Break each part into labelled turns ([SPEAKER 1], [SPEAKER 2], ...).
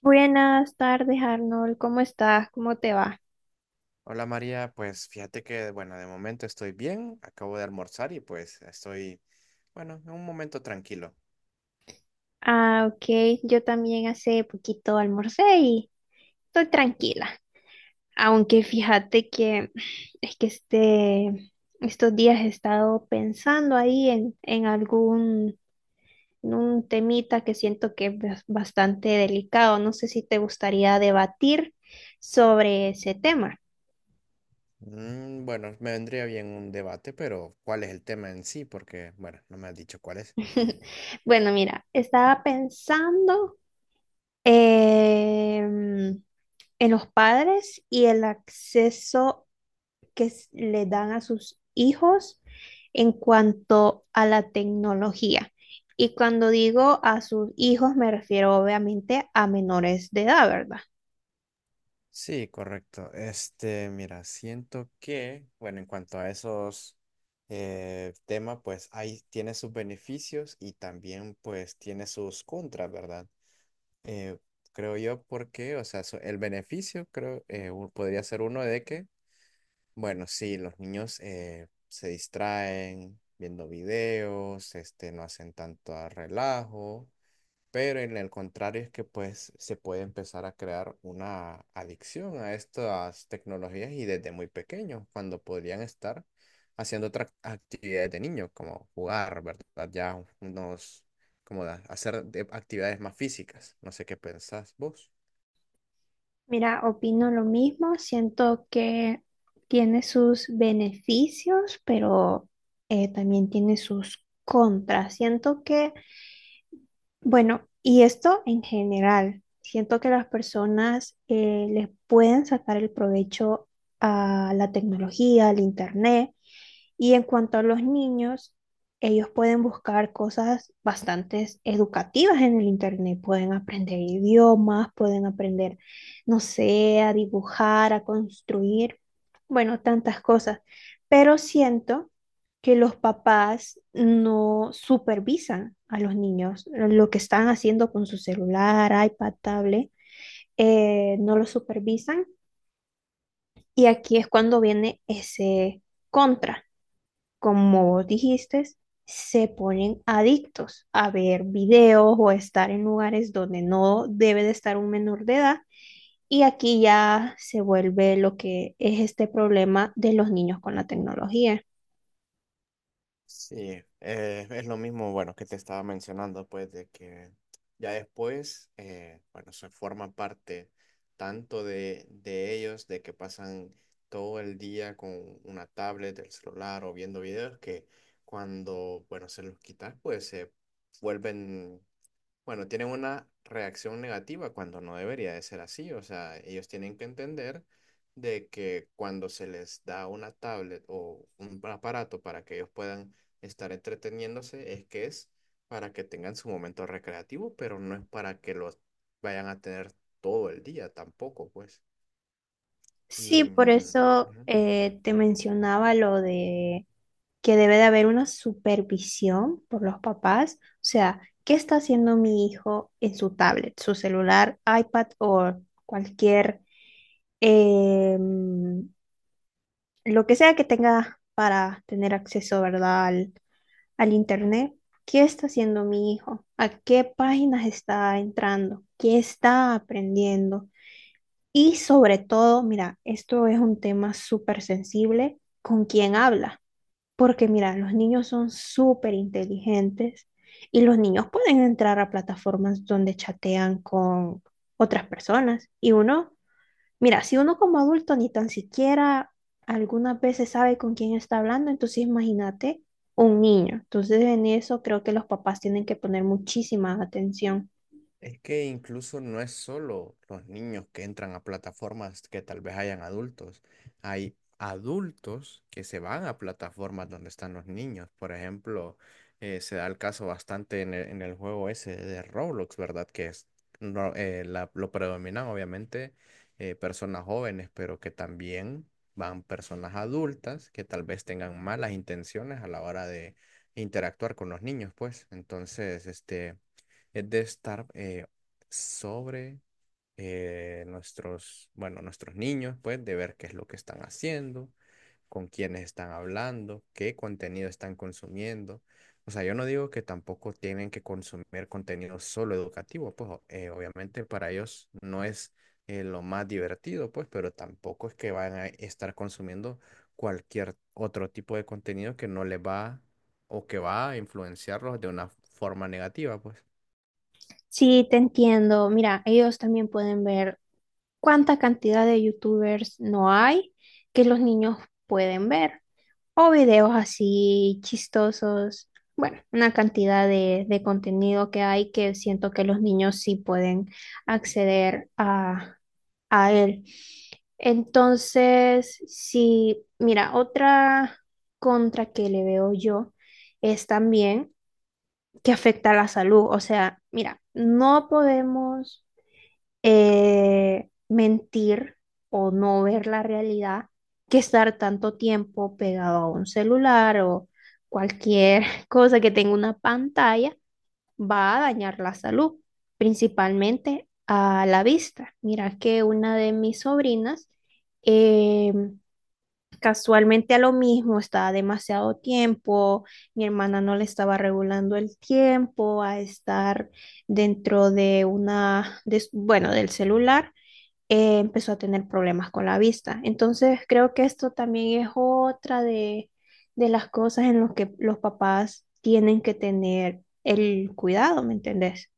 [SPEAKER 1] Buenas tardes, Arnold. ¿Cómo estás? ¿Cómo te va?
[SPEAKER 2] Hola María, pues fíjate que, bueno, de momento estoy bien, acabo de almorzar y pues estoy, bueno, en un momento tranquilo.
[SPEAKER 1] Ah, ok. Yo también hace poquito almorcé y estoy tranquila. Aunque fíjate que es que este, estos días he estado pensando ahí en algún en un temita que siento que es bastante delicado. No sé si te gustaría debatir sobre ese tema.
[SPEAKER 2] Bueno, me vendría bien un debate, pero ¿cuál es el tema en sí? Porque, bueno, no me has dicho cuál es.
[SPEAKER 1] Bueno, mira, estaba pensando. em, en los padres y el acceso que le dan a sus hijos en cuanto a la tecnología. Y cuando digo a sus hijos, me refiero obviamente a menores de edad, ¿verdad?
[SPEAKER 2] Sí, correcto. Este, mira, siento que, bueno, en cuanto a esos temas, pues ahí tiene sus beneficios y también pues tiene sus contras, ¿verdad? Eh, Creo yo porque, o sea, el beneficio creo podría ser uno de que bueno, sí, los niños se distraen viendo videos, este, no hacen tanto a relajo, pero en el contrario es que pues se puede empezar a crear una adicción a estas tecnologías y desde muy pequeños, cuando podrían estar haciendo otras actividades de niños, como jugar, ¿verdad? Ya unos, como hacer actividades más físicas. No sé qué pensás vos.
[SPEAKER 1] Mira, opino lo mismo, siento que tiene sus beneficios, pero también tiene sus contras. Siento que. Bueno, y esto en general, siento que las personas les pueden sacar el provecho a la tecnología, al internet, y en cuanto a los niños, ellos pueden buscar cosas bastante educativas en el internet. Pueden aprender idiomas, pueden aprender, no sé, a dibujar, a construir, bueno, tantas cosas. Pero siento que los papás no supervisan a los niños lo que están haciendo con su celular, iPad, tablet, no lo supervisan. Y aquí es cuando viene ese contra, como vos dijiste, se ponen adictos a ver videos o a estar en lugares donde no debe de estar un menor de edad. Y aquí ya se vuelve lo que es este problema de los niños con la tecnología.
[SPEAKER 2] Sí, es lo mismo, bueno, que te estaba mencionando, pues, de que ya después, bueno, se forma parte tanto de ellos, de que pasan todo el día con una tablet, el celular o viendo videos, que cuando, bueno, se los quitas, pues se vuelven bueno, tienen una reacción negativa cuando no debería de ser así. O sea, ellos tienen que entender de que cuando se les da una tablet o un aparato para que ellos puedan estar entreteniéndose, es que es para que tengan su momento recreativo, pero no es para que los vayan a tener todo el día tampoco, pues. Y,
[SPEAKER 1] Sí, por eso
[SPEAKER 2] ujú.
[SPEAKER 1] te mencionaba lo de que debe de haber una supervisión por los papás. O sea, ¿qué está haciendo mi hijo en su tablet, su celular, iPad o cualquier em, lo que sea que tenga para tener acceso, verdad? Al, al internet. ¿Qué está haciendo mi hijo? ¿A qué páginas está entrando? ¿Qué está aprendiendo? Y sobre todo, mira, esto es un tema súper sensible con quién habla, porque mira, los niños son súper inteligentes y los niños pueden entrar a plataformas donde chatean con otras personas y uno. Mira, si uno como adulto ni tan siquiera algunas veces sabe con quién está hablando, entonces imagínate un niño. Entonces en eso creo que los papás tienen que poner muchísima atención.
[SPEAKER 2] Es que incluso no es solo los niños que entran a plataformas que tal vez hayan adultos. Hay adultos que se van a plataformas donde están los niños. Por ejemplo, se da el caso bastante en en el juego ese de Roblox, ¿verdad? Que es no, lo predominan obviamente personas jóvenes, pero que también van personas adultas que tal vez tengan malas intenciones a la hora de interactuar con los niños, pues. Entonces, este es de estar sobre nuestros, bueno, nuestros niños, pues, de ver qué es lo que están haciendo, con quiénes están hablando, qué contenido están consumiendo. O sea, yo no digo que tampoco tienen que consumir contenido solo educativo, pues obviamente para ellos no es lo más divertido, pues, pero tampoco es que van a estar consumiendo cualquier otro tipo de contenido que no les va o que va a influenciarlos de una forma negativa, pues.
[SPEAKER 1] Sí, te entiendo. Mira, ellos también pueden ver cuánta cantidad de youtubers no hay que los niños pueden ver. O videos así chistosos. Bueno, una cantidad de contenido que hay que siento que los niños sí pueden acceder a él. Entonces, sí, mira, otra contra que le veo yo es también que afecta a la salud. O sea, mira, no podemos mentir o no ver la realidad que estar tanto tiempo pegado a un celular o cualquier cosa que tenga una pantalla va a dañar la salud, principalmente a la vista. Mira que una de mis sobrinas em, casualmente a lo mismo, estaba demasiado tiempo, mi hermana no le estaba regulando el tiempo a estar dentro de bueno, del celular, empezó a tener problemas con la vista. Entonces creo que esto también es otra de las cosas en las que los papás tienen que tener el cuidado, ¿me entendés?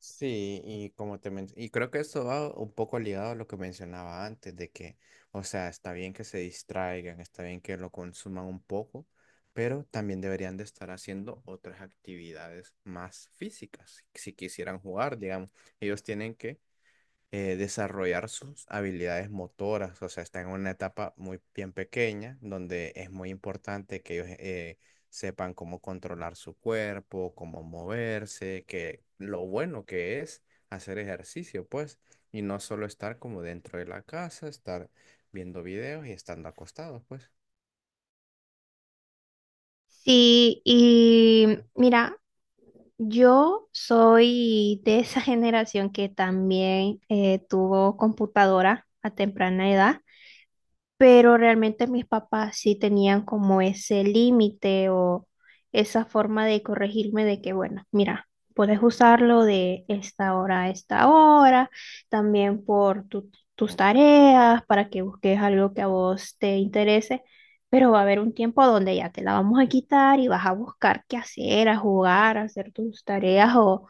[SPEAKER 2] Sí, y como te y creo que esto va un poco ligado a lo que mencionaba antes, de que, o sea, está bien que se distraigan, está bien que lo consuman un poco, pero también deberían de estar haciendo otras actividades más físicas, si quisieran jugar, digamos, ellos tienen que desarrollar sus habilidades motoras, o sea, están en una etapa muy bien pequeña, donde es muy importante que ellos sepan cómo controlar su cuerpo, cómo moverse, que lo bueno que es hacer ejercicio, pues, y no solo estar como dentro de la casa, estar viendo videos y estando acostados, pues.
[SPEAKER 1] Sí, y mira, yo soy de esa generación que también tuvo computadora a temprana edad, pero realmente mis papás sí tenían como ese límite o esa forma de corregirme de que, bueno, mira, puedes usarlo de esta hora a esta hora, también por tus tareas, para que busques algo que a vos te interese, pero va a haber un tiempo donde ya te la vamos a quitar y vas a buscar qué hacer, a jugar, a hacer tus tareas o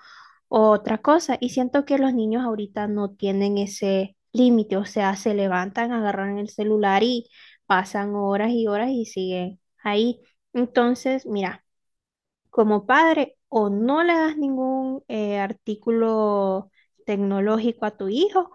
[SPEAKER 1] o otra cosa. Y siento que los niños ahorita no tienen ese límite, o sea, se levantan, agarran el celular y pasan horas y horas y siguen ahí. Entonces, mira, como padre, o no le das ningún artículo tecnológico a tu hijo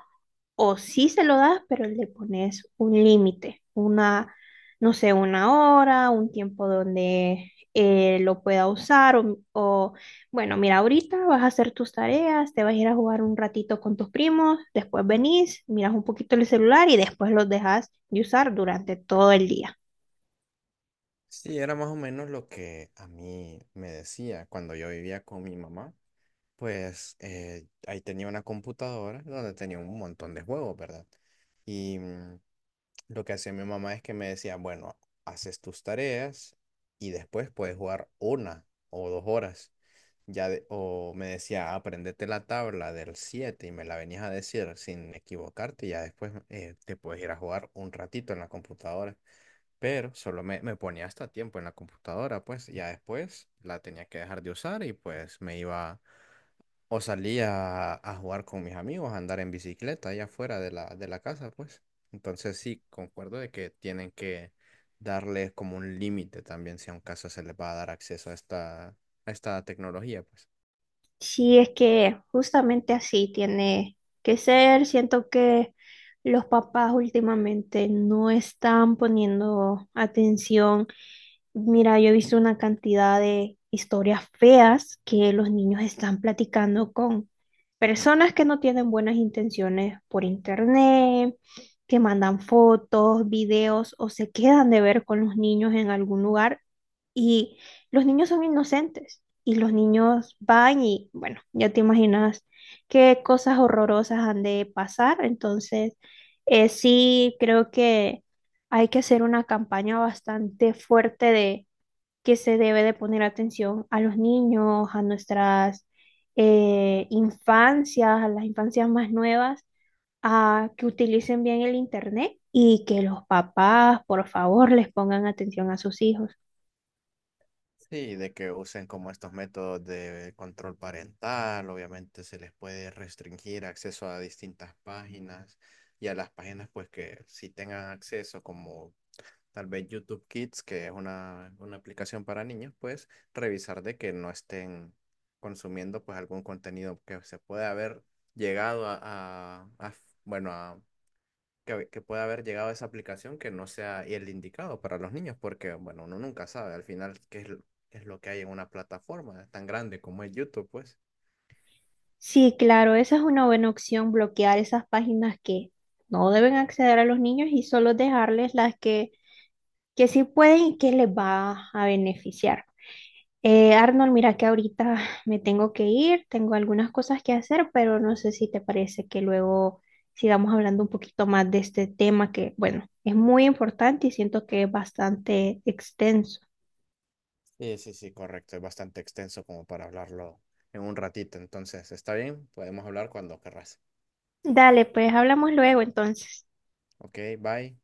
[SPEAKER 1] o sí se lo das, pero le pones un límite, una, no sé, una hora, un tiempo donde lo pueda usar o, bueno, mira, ahorita vas a hacer tus tareas, te vas a ir a jugar un ratito con tus primos, después venís, miras un poquito el celular y después los dejas de usar durante todo el día.
[SPEAKER 2] Sí, era más o menos lo que a mí me decía cuando yo vivía con mi mamá. Pues ahí tenía una computadora donde tenía un montón de juegos, ¿verdad? Y lo que hacía mi mamá es que me decía, bueno, haces tus tareas y después puedes jugar una o dos horas. Ya o me decía, aprendete la tabla del 7 y me la venías a decir sin equivocarte y ya después te puedes ir a jugar un ratito en la computadora pero solo me ponía hasta tiempo en la computadora, pues ya después la tenía que dejar de usar y pues me iba o salía a jugar con mis amigos, a andar en bicicleta allá afuera de de la casa, pues. Entonces sí, concuerdo de que tienen que darles como un límite también si a un caso se les va a dar acceso a esta tecnología, pues.
[SPEAKER 1] Sí, es que justamente así tiene que ser, siento que... Los papás últimamente no están poniendo atención. Mira, yo he visto una cantidad de historias feas que los niños están platicando con personas que no tienen buenas intenciones por internet, que mandan fotos, videos o se quedan de ver con los niños en algún lugar y los niños son inocentes y los niños van y bueno, ya te imaginas qué cosas horrorosas han de pasar. Entonces, sí creo que hay que hacer una campaña bastante fuerte de que se debe de poner atención a los niños, a nuestras infancias, a las infancias más nuevas, a que utilicen bien el internet y que los papás, por favor, les pongan atención a sus hijos.
[SPEAKER 2] Sí, de que usen como estos métodos de control parental, obviamente se les puede restringir acceso a distintas páginas y a las páginas pues que sí tengan acceso como tal vez YouTube Kids, que es una aplicación para niños, pues revisar de que no estén consumiendo pues algún contenido que se pueda haber llegado bueno, a que pueda haber llegado a esa aplicación que no sea el indicado para los niños, porque, bueno, uno nunca sabe al final qué es, qué es lo que hay en una plataforma tan grande como es YouTube, pues.
[SPEAKER 1] Sí, claro, esa es una buena opción, bloquear esas páginas que no deben acceder a los niños y solo dejarles las que sí pueden y que les va a beneficiar. Arnold, mira que ahorita me tengo que ir, tengo algunas cosas que hacer, pero no sé si te parece que luego sigamos hablando un poquito más de este tema que, bueno, es muy importante y siento que es bastante extenso.
[SPEAKER 2] Sí, sí, sí, correcto. Es bastante extenso como para hablarlo en un ratito. Entonces, está bien, podemos hablar cuando querrás.
[SPEAKER 1] Dale, pues hablamos luego entonces.
[SPEAKER 2] Ok, bye.